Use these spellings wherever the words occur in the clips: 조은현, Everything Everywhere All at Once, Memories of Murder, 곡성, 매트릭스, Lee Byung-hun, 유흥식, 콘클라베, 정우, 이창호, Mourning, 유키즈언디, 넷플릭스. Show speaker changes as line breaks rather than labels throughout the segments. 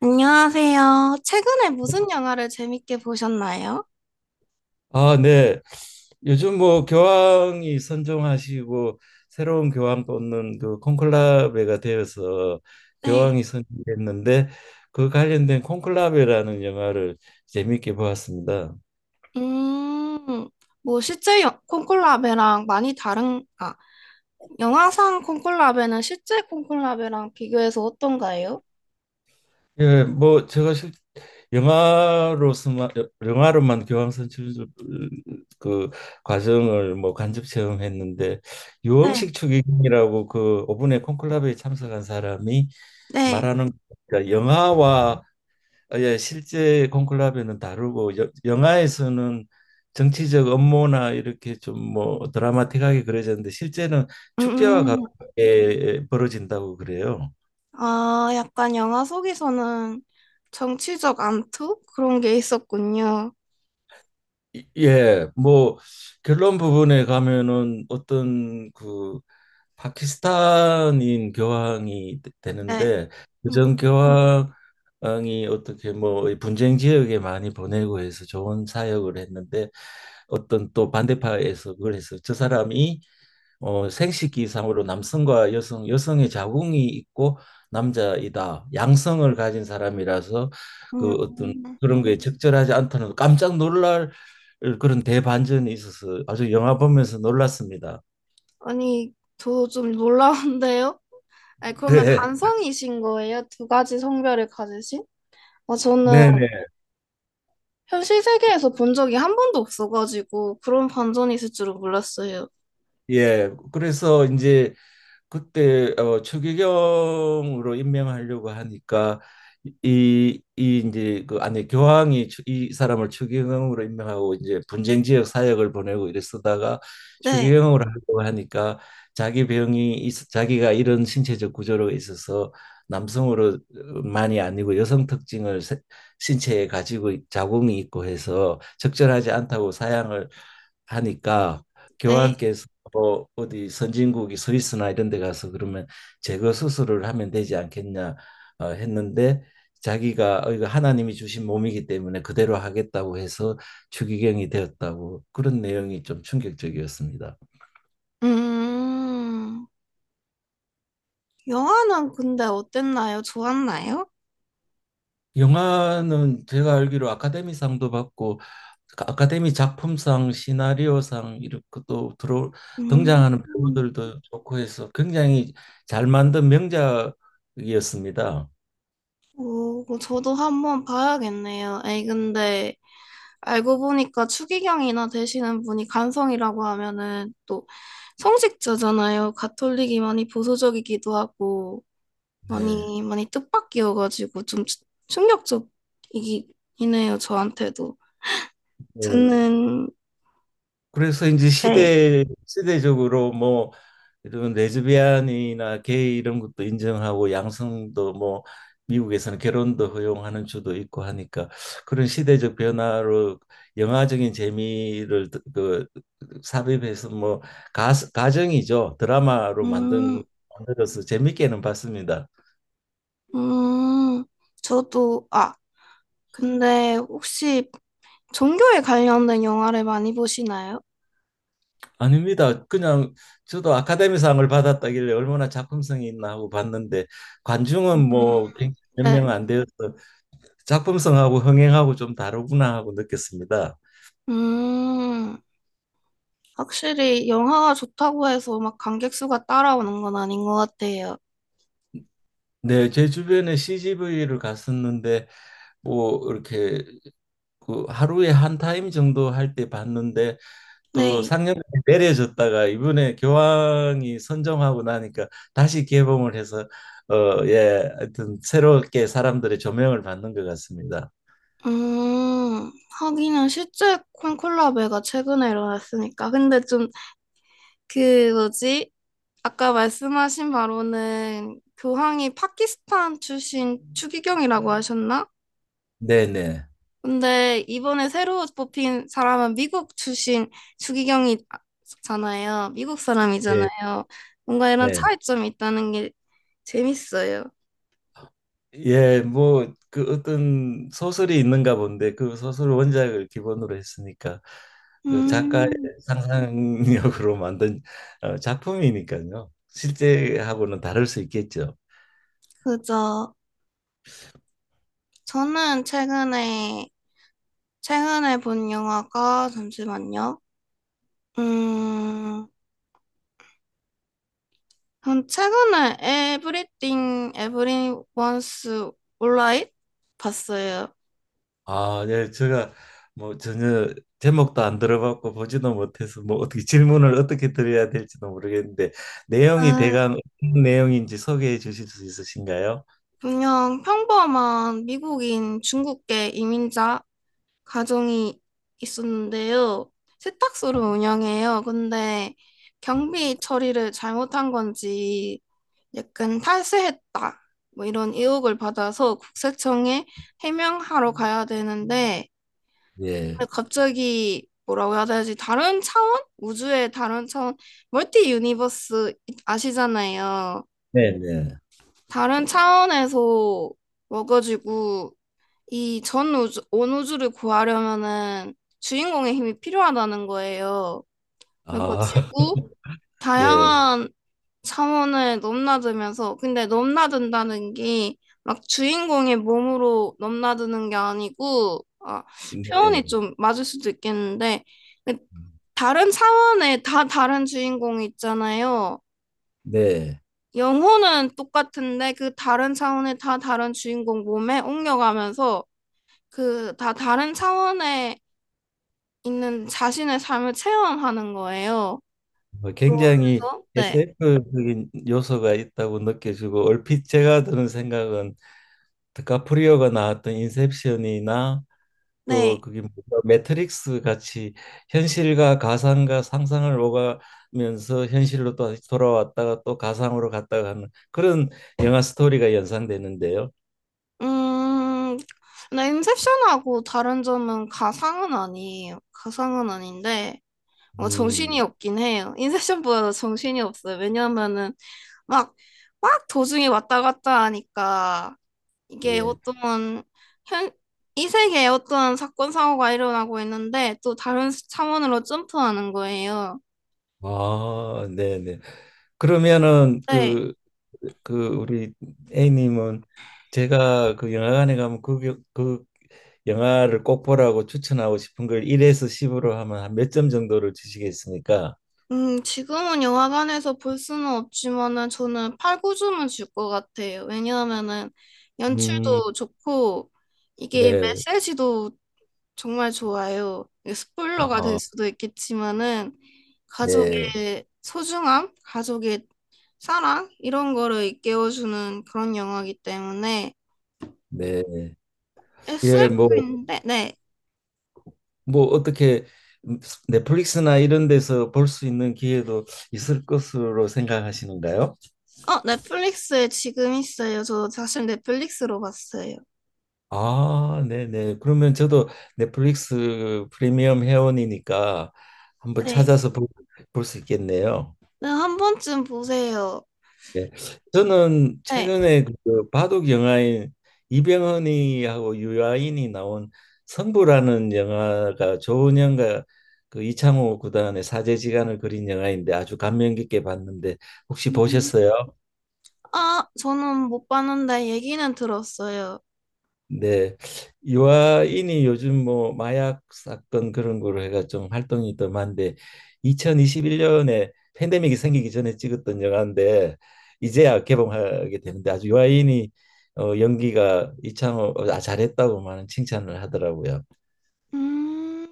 안녕하세요. 최근에 무슨 영화를 재밌게 보셨나요?
아, 네. 요즘 뭐 교황이 선종하시고 새로운 교황 뽑는 그 콘클라베가 되어서
네.
교황이 선정됐는데 그 관련된 콘클라베라는 영화를 재미있게 보았습니다.
음, 뭐 실제 콩콜라베랑 많이 다른, 아, 영화상 콩콜라베는 실제 콩콜라베랑 비교해서 어떤가요?
예, 뭐 제가 실 영화로서만 영화로만 교황 선출 그 과정을 뭐 간접 체험했는데,
네.
유흥식 추기경이라고 그 오분의 콘클라베에 참석한 사람이
네.
말하는, 그러니까 영화와, 아, 예, 실제 콘클라베는 다르고 영화에서는 정치적 업무나 이렇게 좀 뭐 드라마틱하게 그려졌는데, 실제는
음,
축제와
음.
가깝게 벌어진다고 그래요.
아, 약간 영화 속에서는 정치적 암투? 그런 게 있었군요.
예, 뭐 결론 부분에 가면은 어떤 그 파키스탄인 교황이
네.
되는데,
음.
그전 교황이 어떻게 뭐이 분쟁 지역에 많이 보내고 해서 좋은 사역을 했는데, 어떤 또 반대파에서 그걸 해서 저 사람이 생식기상으로 남성과 여성, 여성의 자궁이 있고 남자이다. 양성을 가진 사람이라서 그 어떤
음,
그런 거에 적절하지 않다는, 깜짝 놀랄 그런 대반전이 있어서 아주 영화 보면서 놀랐습니다.
아니, 저 좀 놀라운데요? 아니, 그러면
네,
간성이신 거예요? 두 가지 성별을 가지신? 아, 저는
네, 네.
현실 세계에서 본 적이 한 번도 없어가지고 그런 반전이 있을 줄은 몰랐어요.
예, 그래서 이제 그때 추기경으로 임명하려고 하니까, 이, 이 이제 그 안에 교황이 이 사람을 추기경으로 임명하고 이제 분쟁 지역 사역을 보내고 이래 쓰다가,
네,
추기경으로 하려고 하니까, 자기가 이런 신체적 구조로 있어서 남성으로 만이 아니고 여성 특징을 신체에 가지고 자궁이 있고 해서 적절하지 않다고 사양을 하니까,
네.
교황께서 뭐 어디 선진국이 스위스나 이런 데 가서 그러면 제거 수술을 하면 되지 않겠냐, 했는데, 자기가 어, 이거 하나님이 주신 몸이기 때문에 그대로 하겠다고 해서 추기경이 되었다고. 그런 내용이 좀 충격적이었습니다.
음, 영화는 근데 어땠나요? 좋았나요?
영화는 제가 알기로 아카데미상도 받고 그 아카데미 작품상, 시나리오상 이렇게 또 들어
음,
등장하는 배우들도 좋고 해서 굉장히 잘 만든 명작이었습니다.
오, 그거 저도 한번 봐야겠네요. 에이, 근데 알고 보니까 추기경이나 되시는 분이 간성이라고 하면은 또 성직자잖아요. 가톨릭이 많이 보수적이기도 하고,
네.
많이, 많이 뜻밖이어가지고 충격적이긴 해요, 저한테도.
네.
저는,
그래서 이제
네.
시대적으로 뭐 이런 레즈비안이나 게이 이런 것도 인정하고 양성도 뭐 미국에서는 결혼도 허용하는 주도 있고 하니까, 그런 시대적 변화로 영화적인 재미를 그 삽입해서 뭐 가정이죠, 드라마로 만든
음,
만들어서 재밌게는 봤습니다.
음, 저도, 아, 근데 혹시 종교에 관련된 영화를 많이 보시나요?
아닙니다. 그냥 저도 아카데미상을 받았다길래 얼마나 작품성이 있나 하고 봤는데,
음,
관중은
음,
뭐 몇
네.
명 안 되어서 작품성하고 흥행하고 좀 다르구나 하고 느꼈습니다.
음, 확실히 영화가 좋다고 해서 막 관객 수가 따라오는 건 아닌 것 같아요.
네, 제 주변에 CGV를 갔었는데 뭐 이렇게 그 하루에 한 타임 정도 할 때 봤는데, 또
네.
상영이 내려졌다가 이번에 교황이 선정하고 나니까 다시 개봉을 해서, 어, 예, 하여튼 새롭게 사람들의 조명을 받는 것 같습니다.
음, 하기는 실제 콘클라베가 최근에 일어났으니까. 근데 좀, 그, 뭐지? 아까 말씀하신 바로는 교황이 파키스탄 출신 추기경이라고 하셨나?
네네.
근데 이번에 새로 뽑힌 사람은 미국 출신 추기경이잖아요. 미국
예,
사람이잖아요. 뭔가 이런
네.
차이점이 있다는 게 재밌어요.
예, 뭐, 그 어떤 소설이 있는가 본데 그 소설 원작을 기본으로 했으니까 그 작가의
음,
상상력으로 만든, 어, 작품이니까요. 실제하고는 다를 수 있겠죠.
그죠. 저는 최근에, 최근에 본 영화가, 잠시만요. 음, 전 최근에 Everything, Everyone Wants Alright 봤어요.
아, 예, 제가 뭐 전혀 제목도 안 들어봤고 보지도 못해서 뭐 어떻게 질문을 어떻게 드려야 될지도 모르겠는데, 내용이
아,
대강 어떤 내용인지 소개해 주실 수 있으신가요?
그냥 평범한 미국인 중국계 이민자 가정이 있었는데요. 세탁소를 운영해요. 근데 경비 처리를 잘못한 건지 약간 탈세했다. 뭐 이런 의혹을 받아서 국세청에 해명하러 가야 되는데
예.
근데 갑자기 뭐라고 해야 되지? 다른 차원? 우주의 다른 차원? 멀티 유니버스 아시잖아요.
네네.
다른 차원에서 와가지고 이 전 우주, 온 우주를 구하려면은 주인공의 힘이 필요하다는 거예요. 그러니까
아,
지구
예.
다양한 차원을 넘나들면서 근데 넘나든다는 게 막 주인공의 몸으로 넘나드는 게 아니고 아, 표현이
네.
좀 맞을 수도 있겠는데 그 다른 차원에 다 다른 주인공이 있잖아요.
네.
영혼은 똑같은데 그 다른 차원에 다 다른 주인공 몸에 옮겨가면서 그 다 다른 차원의 있는 자신의 삶을 체험하는 거예요.
뭐
그러면
굉장히
서 네,
SF적인 요소가 있다고 느껴지고, 얼핏 제가 드는 생각은 드카프리오가 나왔던 인셉션이나 또
네,
그게 뭔가 매트릭스 같이 현실과 가상과 상상을 오가면서 현실로 또 다시 돌아왔다가 또 가상으로 갔다가 하는 그런 영화 스토리가 연상되는데요.
음, 근데 인셉션하고 다른 점은 가상은 아니에요. 가상은 아닌데 어, 정신이
음,
없긴 해요. 인셉션보다 정신이 없어요. 왜냐하면은 막 막 도중에 왔다 갔다 하니까 이게
예.
어떤 현, 이 세계에 어떤 사건 사고가 일어나고 있는데 또 다른 차원으로 점프하는 거예요.
아, 네네. 그러면은
네.
우리 A님은, 제가 그 영화관에 가면 그 영화를 꼭 보라고 추천하고 싶은 걸 1에서 10으로 하면 한 몇 점 정도를 주시겠습니까?
지금은 영화관에서 볼 수는 없지만은 저는 팔 구주을줄 것 같아요. 왜냐하면은
음,
연출도 좋고 이게
네.
메시지도 정말 좋아요. 이게 스포일러가 될
아,
수도 있겠지만은
네.
가족의 소중함, 가족의 사랑 이런 거를 일깨워주는 그런 영화이기 때문에
네. 예,
SF인데 네.
뭐 어떻게 넷플릭스나 이런 데서 볼 수 있는 기회도 있을 것으로 생각하시는가요?
어, 넷플릭스에 지금 있어요. 저 사실 넷플릭스로 봤어요.
아, 네네. 그러면 저도 넷플릭스 프리미엄 회원이니까 한번
네.
찾아서 볼 수 있겠네요.
네, 한 번쯤 보세요.
네. 저는
네.
최근에 그 바둑 영화인 이병헌이하고 유아인이 나온 승부라는 영화가, 조은현과 그 이창호 구단의 사제지간을 그린 영화인데, 아주 감명 깊게 봤는데 혹시
음,
보셨어요?
아, 저는 못 봤는데 얘기는 들었어요.
네. 유아인이 요즘 뭐 마약 사건 그런 거로 해가 좀 활동이 더 많은데, 2021년에 팬데믹이 생기기 전에 찍었던 영화인데 이제야 개봉하게 되는데, 아주 유아인이 어, 연기가 이창호 어, 아, 잘했다고 많은 칭찬을 하더라고요.
음,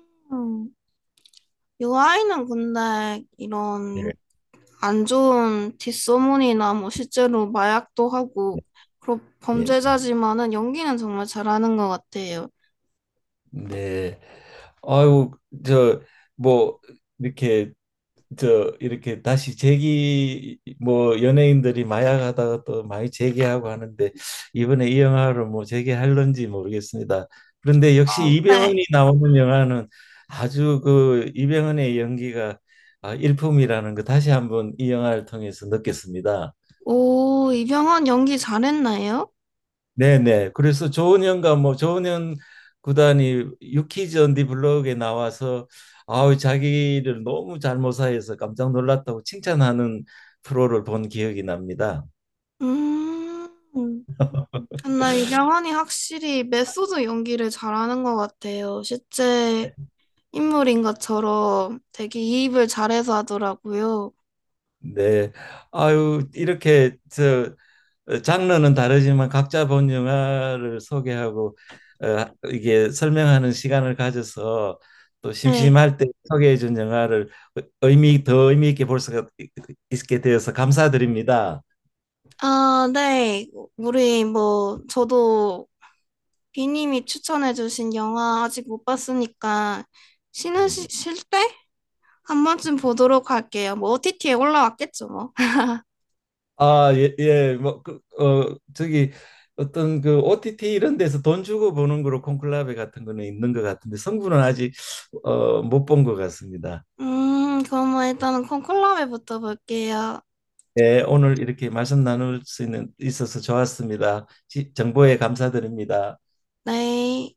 이 아이는 근데 이런
예.
안 좋은 뒷소문이나 뭐 실제로 마약도 하고 그런
예.
범죄자지만은 연기는 정말 잘하는 것 같아요.
네. 아유 저 뭐 이렇게 이렇게 다시 재기, 뭐 연예인들이 마약하다가 또 많이 재기하고 하는데 이번에 이 영화를 뭐 재기할런지 모르겠습니다. 그런데 역시
네.
이병헌이 나오는 영화는 아주 그 이병헌의 연기가 아, 일품이라는 거 다시 한번 이 영화를 통해서 느꼈습니다.
오, 이병헌 연기 잘했나요?
네네. 그래서 조은현 구단이 유키즈언디 블로그에 나와서 아우 자기를 너무 잘 모사해서 깜짝 놀랐다고 칭찬하는 프로를 본 기억이 납니다.
음, 근데 이병헌이 확실히 메소드 연기를 잘하는 것 같아요. 실제
네.
인물인 것처럼 되게 이입을 잘해서 하더라고요.
네. 아유 장르는 다르지만 각자 본 영화를 소개하고, 어, 이게 설명하는 시간을 가져서 또
네.
심심할 때 소개해 준 영화를 의미 있게 볼 수가 있게 되어서 감사드립니다.
아, 네. 우리 뭐 저도 비님이 추천해주신 영화 아직 못 봤으니까
음.
쉴때 한 번쯤 보도록 할게요. 뭐 OTT에 올라왔겠죠, 뭐.
아, 예, 예. 뭐, 그, 어, 저기 어떤 그 OTT 이런 데서 돈 주고 보는 거로 콘클라베 같은 거는 있는 것 같은데, 성분은 아직 어, 못 본 것 같습니다.
그럼 뭐 일단은 콘클라베부터 볼게요.
예, 오늘 이렇게 말씀 나눌 수 있는 있어서 좋았습니다. 정보에 감사드립니다.
네.